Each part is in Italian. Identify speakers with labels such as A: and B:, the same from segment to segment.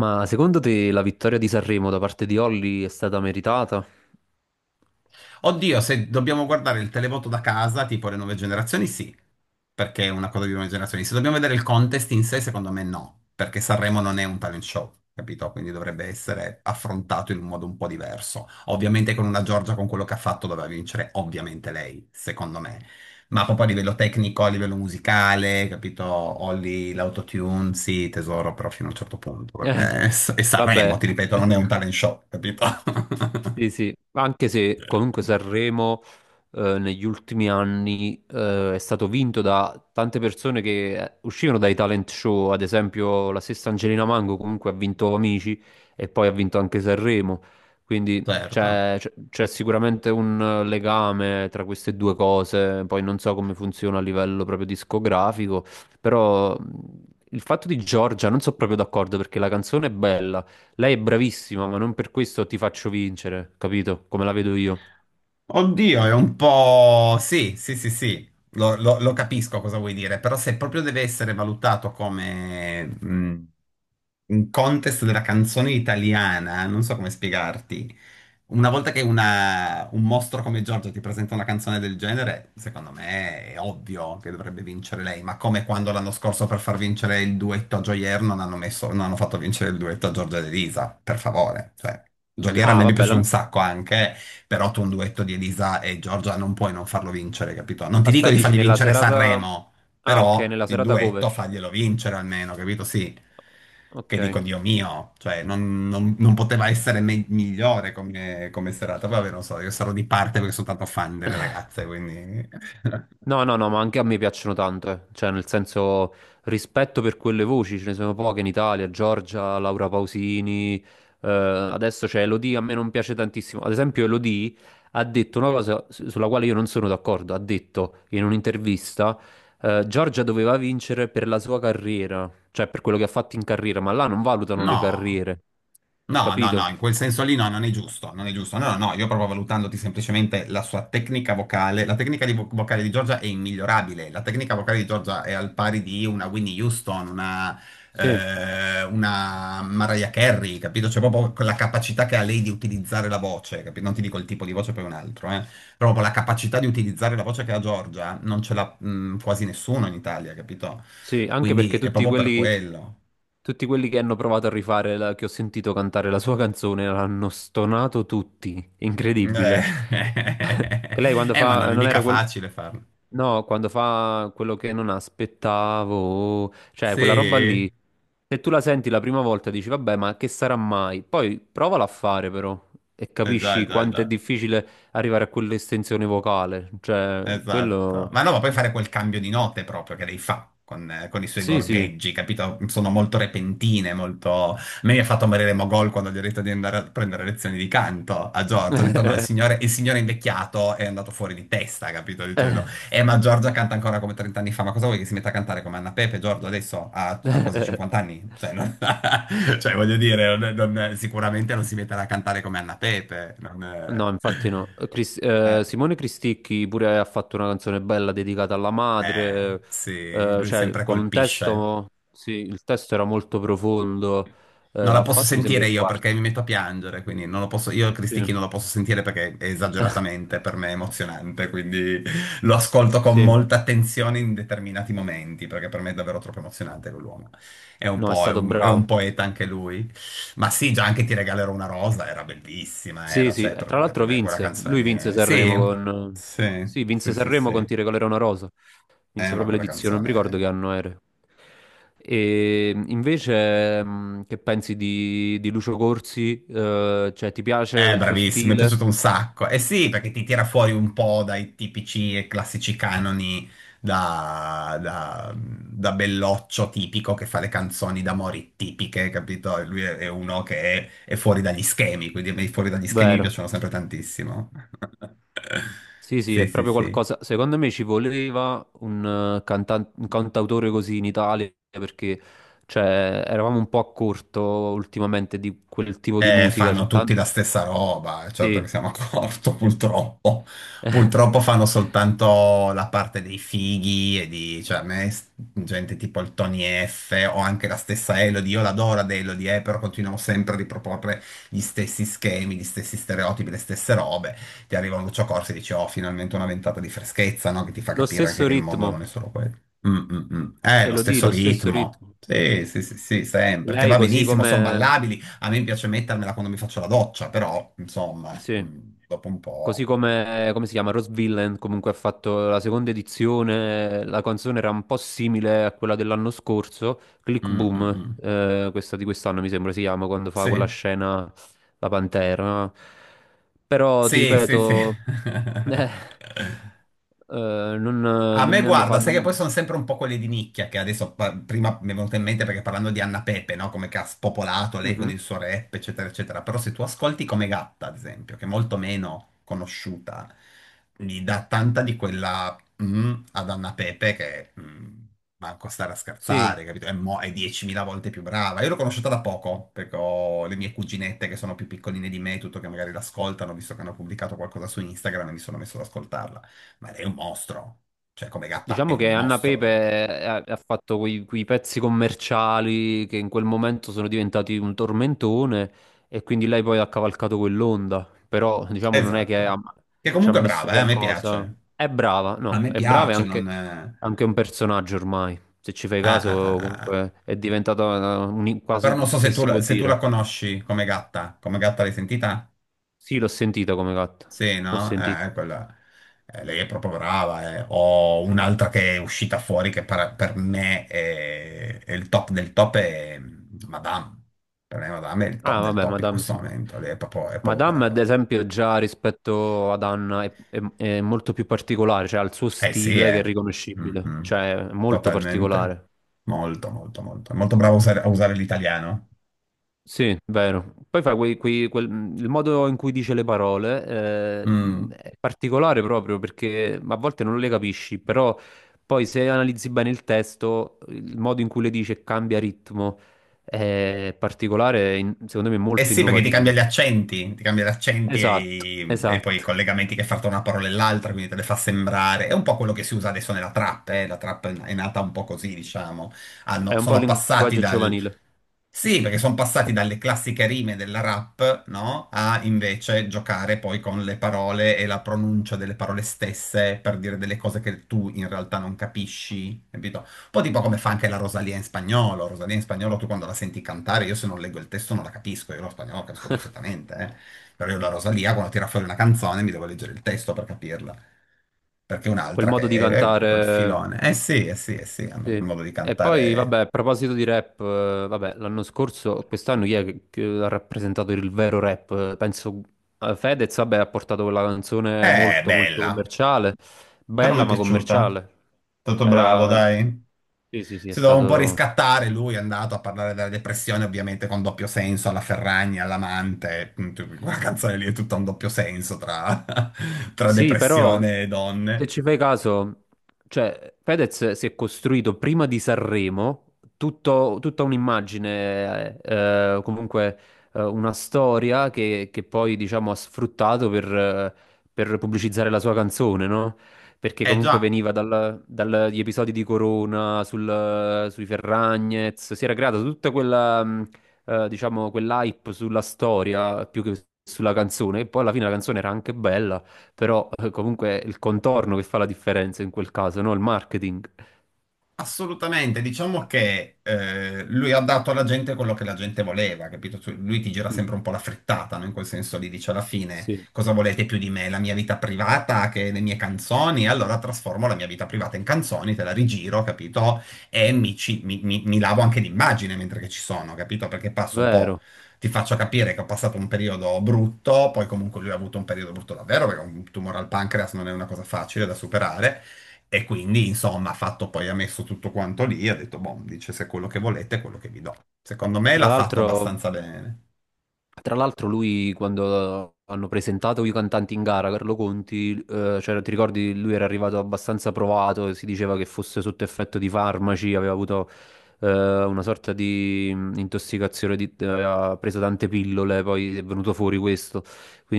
A: Ma secondo te la vittoria di Sanremo da parte di Olly è stata meritata?
B: Oddio, se dobbiamo guardare il televoto da casa, tipo le nuove generazioni, sì, perché è una cosa di nuove generazioni. Se dobbiamo vedere il contest in sé, secondo me no, perché Sanremo non è un talent show, capito? Quindi dovrebbe essere affrontato in un modo un po' diverso. Ovviamente con una Giorgia, con quello che ha fatto, doveva vincere, ovviamente lei, secondo me. Ma proprio a livello tecnico, a livello musicale, capito? Olly, l'autotune, sì, tesoro, però fino a un certo punto,
A: Eh,
B: perché è Sanremo,
A: vabbè.
B: ti ripeto, non è un talent show, capito?
A: Sì, sì, anche se comunque Sanremo negli ultimi anni è stato vinto da tante persone che uscivano dai talent show, ad esempio la stessa Angelina Mango comunque ha vinto Amici e poi ha vinto anche Sanremo, quindi
B: Certo.
A: c'è sicuramente un legame tra queste due cose, poi non so come funziona a livello proprio discografico, però il fatto di Giorgia non sono proprio d'accordo perché la canzone è bella. Lei è bravissima, ma non per questo ti faccio vincere, capito? Come la vedo io.
B: Oddio, è un po'... Sì, sì, sì, sì, lo capisco cosa vuoi dire, però se proprio deve essere valutato come un contest della canzone italiana, non so come spiegarti. Una volta che un mostro come Giorgio ti presenta una canzone del genere, secondo me è ovvio che dovrebbe vincere lei, ma come quando l'anno scorso per far vincere il duetto a Joyer non hanno fatto vincere il duetto a Giorgia ed Elisa, per favore. Cioè, Joyer a
A: Ah,
B: me mi è
A: vabbè,
B: piaciuto
A: la...
B: un sacco anche, però tu un duetto di Elisa e Giorgia non puoi non farlo vincere, capito? Non ti dico
A: aspetta,
B: di
A: dici
B: fargli
A: nella
B: vincere
A: serata...
B: Sanremo,
A: Ah, ok,
B: però
A: nella
B: il
A: serata cover.
B: duetto faglielo vincere almeno, capito? Sì. Che
A: Ok.
B: dico, Dio mio, cioè non poteva essere migliore come, come serata. Poi vabbè, non so, io sarò di parte perché sono tanto fan delle ragazze, quindi...
A: No, no, no, ma anche a me piacciono tanto, eh. Cioè, nel senso, rispetto per quelle voci, ce ne sono poche in Italia, Giorgia, Laura Pausini, adesso c'è Elodie, a me non piace tantissimo. Ad esempio, Elodie ha detto una cosa sulla quale io non sono d'accordo, ha detto in un'intervista, Giorgia doveva vincere per la sua carriera, cioè per quello che ha fatto in carriera, ma là non valutano le
B: No.
A: carriere,
B: No, no, no,
A: capito?
B: in quel senso lì no, non è giusto, non è giusto. No, no, no, io proprio valutandoti semplicemente la sua tecnica vocale. La tecnica di vocale di Giorgia è immigliorabile. La tecnica vocale di Giorgia è al pari di una Winnie Houston,
A: Sì.
B: una Mariah Carey, capito? C'è proprio quella capacità che ha lei di utilizzare la voce, capito? Non ti dico il tipo di voce, poi un altro, eh. Però proprio la capacità di utilizzare la voce che ha Giorgia non ce l'ha, quasi nessuno in Italia, capito?
A: Sì, anche perché
B: Quindi è proprio per quello.
A: tutti quelli che hanno provato a rifare, che ho sentito cantare la sua canzone, l'hanno stonato tutti.
B: Eh,
A: Incredibile. Che Lei quando
B: ma non
A: fa,
B: è
A: non
B: mica
A: era quel,
B: facile farlo.
A: no, quando fa quello che non aspettavo, cioè
B: Sì,
A: quella roba lì,
B: eh
A: se tu la senti la prima volta dici, vabbè, ma che sarà mai? Poi provala a fare però e
B: già, eh già,
A: capisci
B: eh
A: quanto è
B: già.
A: difficile arrivare a quell'estensione vocale, cioè
B: Esatto.
A: quello,
B: Ma no, ma puoi fare quel cambio di note proprio che lei fa con i suoi
A: sì, sì.
B: gorgheggi, capito? Sono molto repentine, molto... A me mi ha fatto morire Mogol quando gli ho detto di andare a prendere lezioni di canto a Giorgio. Ho detto no, il signore invecchiato è andato fuori di testa, capito? Dicendo, ma Giorgia canta ancora come 30 anni fa, ma cosa vuoi che si metta a cantare come Anna Pepe, Giorgio, adesso ha quasi 50 anni? Cioè, cioè, voglio dire, sicuramente non si metterà a cantare come Anna Pepe. Non...
A: No, infatti no.
B: Eh.
A: Simone Cristicchi pure ha fatto una canzone bella dedicata alla madre,
B: Sì, lui
A: cioè
B: sempre
A: con un
B: colpisce.
A: testo, sì, il testo era molto profondo,
B: Non la
A: ha
B: posso
A: fatto mi sembra
B: sentire
A: il
B: io perché
A: quarto.
B: mi metto a piangere, quindi non lo posso, io il
A: Sì.
B: Cristichi non lo posso sentire perché è esageratamente per me emozionante, quindi lo ascolto con
A: Sì,
B: molta attenzione in determinati momenti, perché per me è davvero troppo emozionante quell'uomo. È un
A: no, è
B: po',
A: stato
B: è
A: bravo.
B: un poeta anche lui. Ma sì, già anche Ti regalerò una rosa era bellissima,
A: Sì,
B: era,
A: sì,
B: cioè,
A: e
B: per,
A: tra
B: per
A: l'altro
B: me quella
A: vinse,
B: canzone
A: lui
B: lì
A: vinse
B: è...
A: Sanremo
B: Sì,
A: con...
B: sì,
A: Sì,
B: sì,
A: vinse
B: sì,
A: Sanremo con Ti
B: sì.
A: regalerò una rosa. Inizia
B: Ma
A: proprio
B: quella
A: l'edizione, non mi ricordo che
B: canzone...
A: anno era. E invece, che pensi di Lucio Corsi? Cioè, ti piace il suo
B: Bravissimo, mi è
A: stile?
B: piaciuto un sacco. Eh sì, perché ti tira fuori un po' dai tipici e classici canoni da, da belloccio tipico che fa le canzoni d'amore tipiche, capito? E lui è uno che è fuori dagli schemi, quindi a me i fuori dagli schemi mi
A: Vero.
B: piacciono sempre tantissimo.
A: Sì, sì,
B: Sì,
A: è
B: sì,
A: proprio
B: sì.
A: qualcosa. Secondo me ci voleva un, un cantautore così in Italia perché cioè, eravamo un po' a corto ultimamente di quel tipo di musica.
B: Fanno
A: C'è
B: tutti
A: tanto.
B: la stessa roba, certo
A: Sì.
B: che siamo a corto, purtroppo. Purtroppo fanno soltanto la parte dei fighi e di, cioè, a me, gente tipo il Tony F o anche la stessa Elodie, io l'adoro ad Elodie, però continuano sempre a riproporre gli stessi schemi, gli stessi stereotipi, le stesse robe. Ti arriva un Lucio Corsi e dici, oh, finalmente una ventata di freschezza, no? Che ti fa
A: Lo
B: capire anche
A: stesso
B: che il mondo non
A: ritmo,
B: è solo quello. Mm, mm, mm.
A: Elodie,
B: Lo stesso
A: lo stesso
B: ritmo.
A: ritmo.
B: Sì, sì, sì, sì, sempre, che
A: Lei
B: va
A: così
B: benissimo, sono
A: come
B: ballabili. A me piace mettermela quando mi faccio la doccia, però, insomma,
A: sì,
B: dopo un
A: così
B: po'.
A: come, come si chiama, Rose Villain comunque ha fatto la seconda edizione, la canzone era un po' simile a quella dell'anno scorso, Click
B: Mm, mm,
A: Boom,
B: mm.
A: questa di quest'anno mi sembra si chiama, quando fa
B: Sì,
A: quella scena la Pantera. Però ti
B: sì, sì, sì.
A: ripeto, eh,
B: A
A: non
B: me
A: mi hanno
B: guarda,
A: fatto...
B: sai che poi
A: non-
B: sono sempre un po' quelle di nicchia che adesso prima mi è venuto in mente perché parlando di Anna Pepe, no? Come che ha spopolato lei con
A: Mhm.
B: il suo rap, eccetera, eccetera. Però se tu ascolti come Gatta, ad esempio, che è molto meno conosciuta, gli dà tanta di quella ad Anna Pepe che manco stare a
A: Sì.
B: scherzare, capito? È 10.000 volte più brava. Io l'ho conosciuta da poco perché ho le mie cuginette che sono più piccoline di me, tutto che magari l'ascoltano, visto che hanno pubblicato qualcosa su Instagram e mi sono messo ad ascoltarla. Ma lei è un mostro. Cioè, come gatta è
A: Diciamo
B: un
A: che Anna Pepe
B: mostro.
A: ha fatto quei pezzi commerciali che in quel momento sono diventati un tormentone e quindi lei poi ha cavalcato quell'onda, però diciamo non è che ha-
B: Esatto. Che
A: ci ha
B: comunque è
A: messo
B: brava, a me
A: qualcosa.
B: piace.
A: È brava,
B: A
A: no,
B: me
A: è brava e
B: piace,
A: anche,
B: non...
A: anche un personaggio ormai, se ci fai
B: ah,
A: caso
B: ah, ah, ah.
A: comunque è diventata
B: Però
A: quasi,
B: non so se
A: se
B: tu,
A: si può
B: se tu
A: dire.
B: la conosci come gatta. Come gatta l'hai sentita?
A: Sì, l'ho sentita come gatta,
B: Sì,
A: l'ho
B: no?
A: sentita.
B: Quella... Lei è proprio brava. Ho un'altra che è uscita fuori che per me è il top del top, è Madame. Per me Madame è il top
A: Ah,
B: del
A: vabbè,
B: top in
A: Madame
B: questo
A: sì.
B: momento. Lei è proprio
A: Madame, ad
B: brava.
A: esempio, già rispetto ad Anna è, è molto più particolare, cioè ha il suo
B: Eh sì,
A: stile che è
B: eh.
A: riconoscibile,
B: Mhm.
A: cioè è molto
B: Totalmente.
A: particolare.
B: Molto, molto, molto. È molto bravo a usare l'italiano.
A: Sì, vero. Poi fa il modo in cui dice le parole eh,
B: Mm.
A: è particolare proprio perché a volte non le capisci, però poi se analizzi bene il testo, il modo in cui le dice cambia ritmo, è particolare, in- secondo me
B: Eh
A: molto
B: sì, perché ti cambia gli
A: innovativo.
B: accenti, ti cambia gli accenti e,
A: Esatto,
B: i- e poi i
A: esatto.
B: collegamenti che fa tra una parola e l'altra, quindi te le fa sembrare. È un po' quello che si usa adesso nella trap, eh. La trap è nata un po' così, diciamo.
A: È un po' il
B: Sono passati
A: linguaggio
B: dal...
A: giovanile.
B: Sì, perché sono passati dalle classiche rime della rap, no? A invece giocare poi con le parole e la pronuncia delle parole stesse per dire delle cose che tu in realtà non capisci, capito? Un po' tipo come fa anche la Rosalia in spagnolo. Rosalia in spagnolo tu quando la senti cantare, io se non leggo il testo non la capisco, io lo spagnolo lo capisco perfettamente, eh. Però io la Rosalia quando tira fuori una canzone mi devo leggere il testo per capirla. Perché
A: Quel
B: un'altra
A: modo
B: che
A: di
B: è tutto il
A: cantare.
B: filone. Eh sì, eh sì, eh sì, hanno
A: Sì.
B: quel modo di
A: E poi,
B: cantare.
A: vabbè, a proposito di rap, vabbè, l'anno scorso, quest'anno chi è che ha rappresentato il vero rap? Penso Fedez, vabbè, ha portato quella canzone molto
B: Bella.
A: commerciale,
B: Però mi
A: bella
B: è
A: ma
B: piaciuto.
A: commerciale.
B: Tutto bravo,
A: Era...
B: dai.
A: Sì, sì, sì, è
B: Si doveva un po'
A: stato...
B: riscattare, lui è andato a parlare della depressione, ovviamente con doppio senso, alla Ferragni, all'amante, quella canzone lì è tutta un doppio senso tra
A: Sì, però
B: depressione e
A: se
B: donne.
A: ci fai caso, cioè Fedez si è costruito prima di Sanremo tutta un'immagine, comunque una storia che poi diciamo ha sfruttato per pubblicizzare la sua canzone, no? Perché
B: Eh
A: comunque
B: già.
A: veniva dagli episodi di Corona, sui Ferragnez, si era creata tutta quella, diciamo, quell'hype sulla storia più che sulla canzone, e poi alla fine la canzone era anche bella. Però comunque è il contorno che fa la differenza in quel caso, no? Il marketing.
B: Assolutamente, diciamo che lui ha dato alla gente quello che la gente voleva, capito? Lui ti gira
A: Mm,
B: sempre un po' la frittata, no? In quel senso lì dice alla fine
A: sì,
B: cosa volete più di me? La mia vita privata che le mie canzoni? Allora trasformo la mia vita privata in canzoni, te la rigiro, capito? E mi, ci- mi- mi- mi lavo anche l'immagine mentre che ci sono, capito? Perché passo un po',
A: vero.
B: ti faccio capire che ho passato un periodo brutto, poi comunque lui ha avuto un periodo brutto davvero, perché un tumore al pancreas non è una cosa facile da superare. E quindi, insomma, ha fatto poi, ha messo tutto quanto lì, ha detto, boh, dice se è quello che volete è quello che vi do. Secondo me
A: Tra
B: l'ha fatto
A: l'altro,
B: abbastanza bene.
A: tra l'altro lui quando hanno presentato i cantanti in gara, Carlo Conti, cioè, ti ricordi, lui era arrivato abbastanza provato, si diceva che fosse sotto effetto di farmaci, aveva avuto eh, una sorta di intossicazione, aveva preso tante pillole, poi è venuto fuori questo.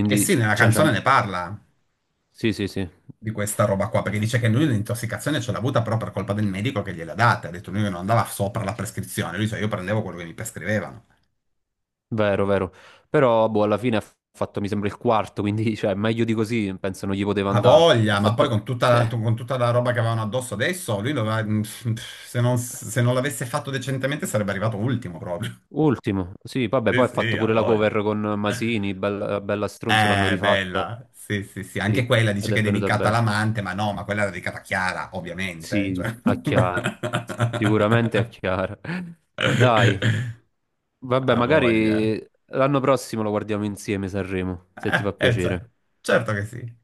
B: E sì, nella
A: cioè,
B: canzone
A: c'ha-
B: ne parla
A: sì, sì, sì.
B: di questa roba qua, perché dice che lui l'intossicazione ce l'ha avuta però per colpa del medico che gliel'ha data. Ha detto lui che non andava sopra la prescrizione, lui dice io prendevo quello che mi prescrivevano.
A: Vero, vero. Però, boh, alla fine ha fatto, mi sembra, il quarto, quindi, cioè, meglio di così, penso non gli poteva
B: Ha
A: andare. Ha
B: voglia, ma poi
A: fatto...
B: con tutta la,
A: eh,
B: con tutta la roba che avevano addosso adesso, lui se non l'avesse fatto decentemente sarebbe arrivato ultimo proprio.
A: ultimo, sì, vabbè,
B: Sì,
A: poi ha
B: sì,
A: fatto
B: ha
A: pure la
B: voglia.
A: cover con Masini, bella, bella stronza, l'hanno rifatta.
B: Bella. Sì, sì, sì.
A: Sì,
B: Anche quella dice
A: ed è
B: che è
A: venuta
B: dedicata
A: bene.
B: all'amante, ma no, ma quella era dedicata a Chiara, ovviamente.
A: Sì,
B: Cioè...
A: a Chiara, sicuramente a Chiara. Dai, vabbè,
B: Ha voglia.
A: magari l'anno prossimo lo guardiamo insieme, Sanremo, se ti fa
B: Cioè,
A: piacere.
B: certo che sì.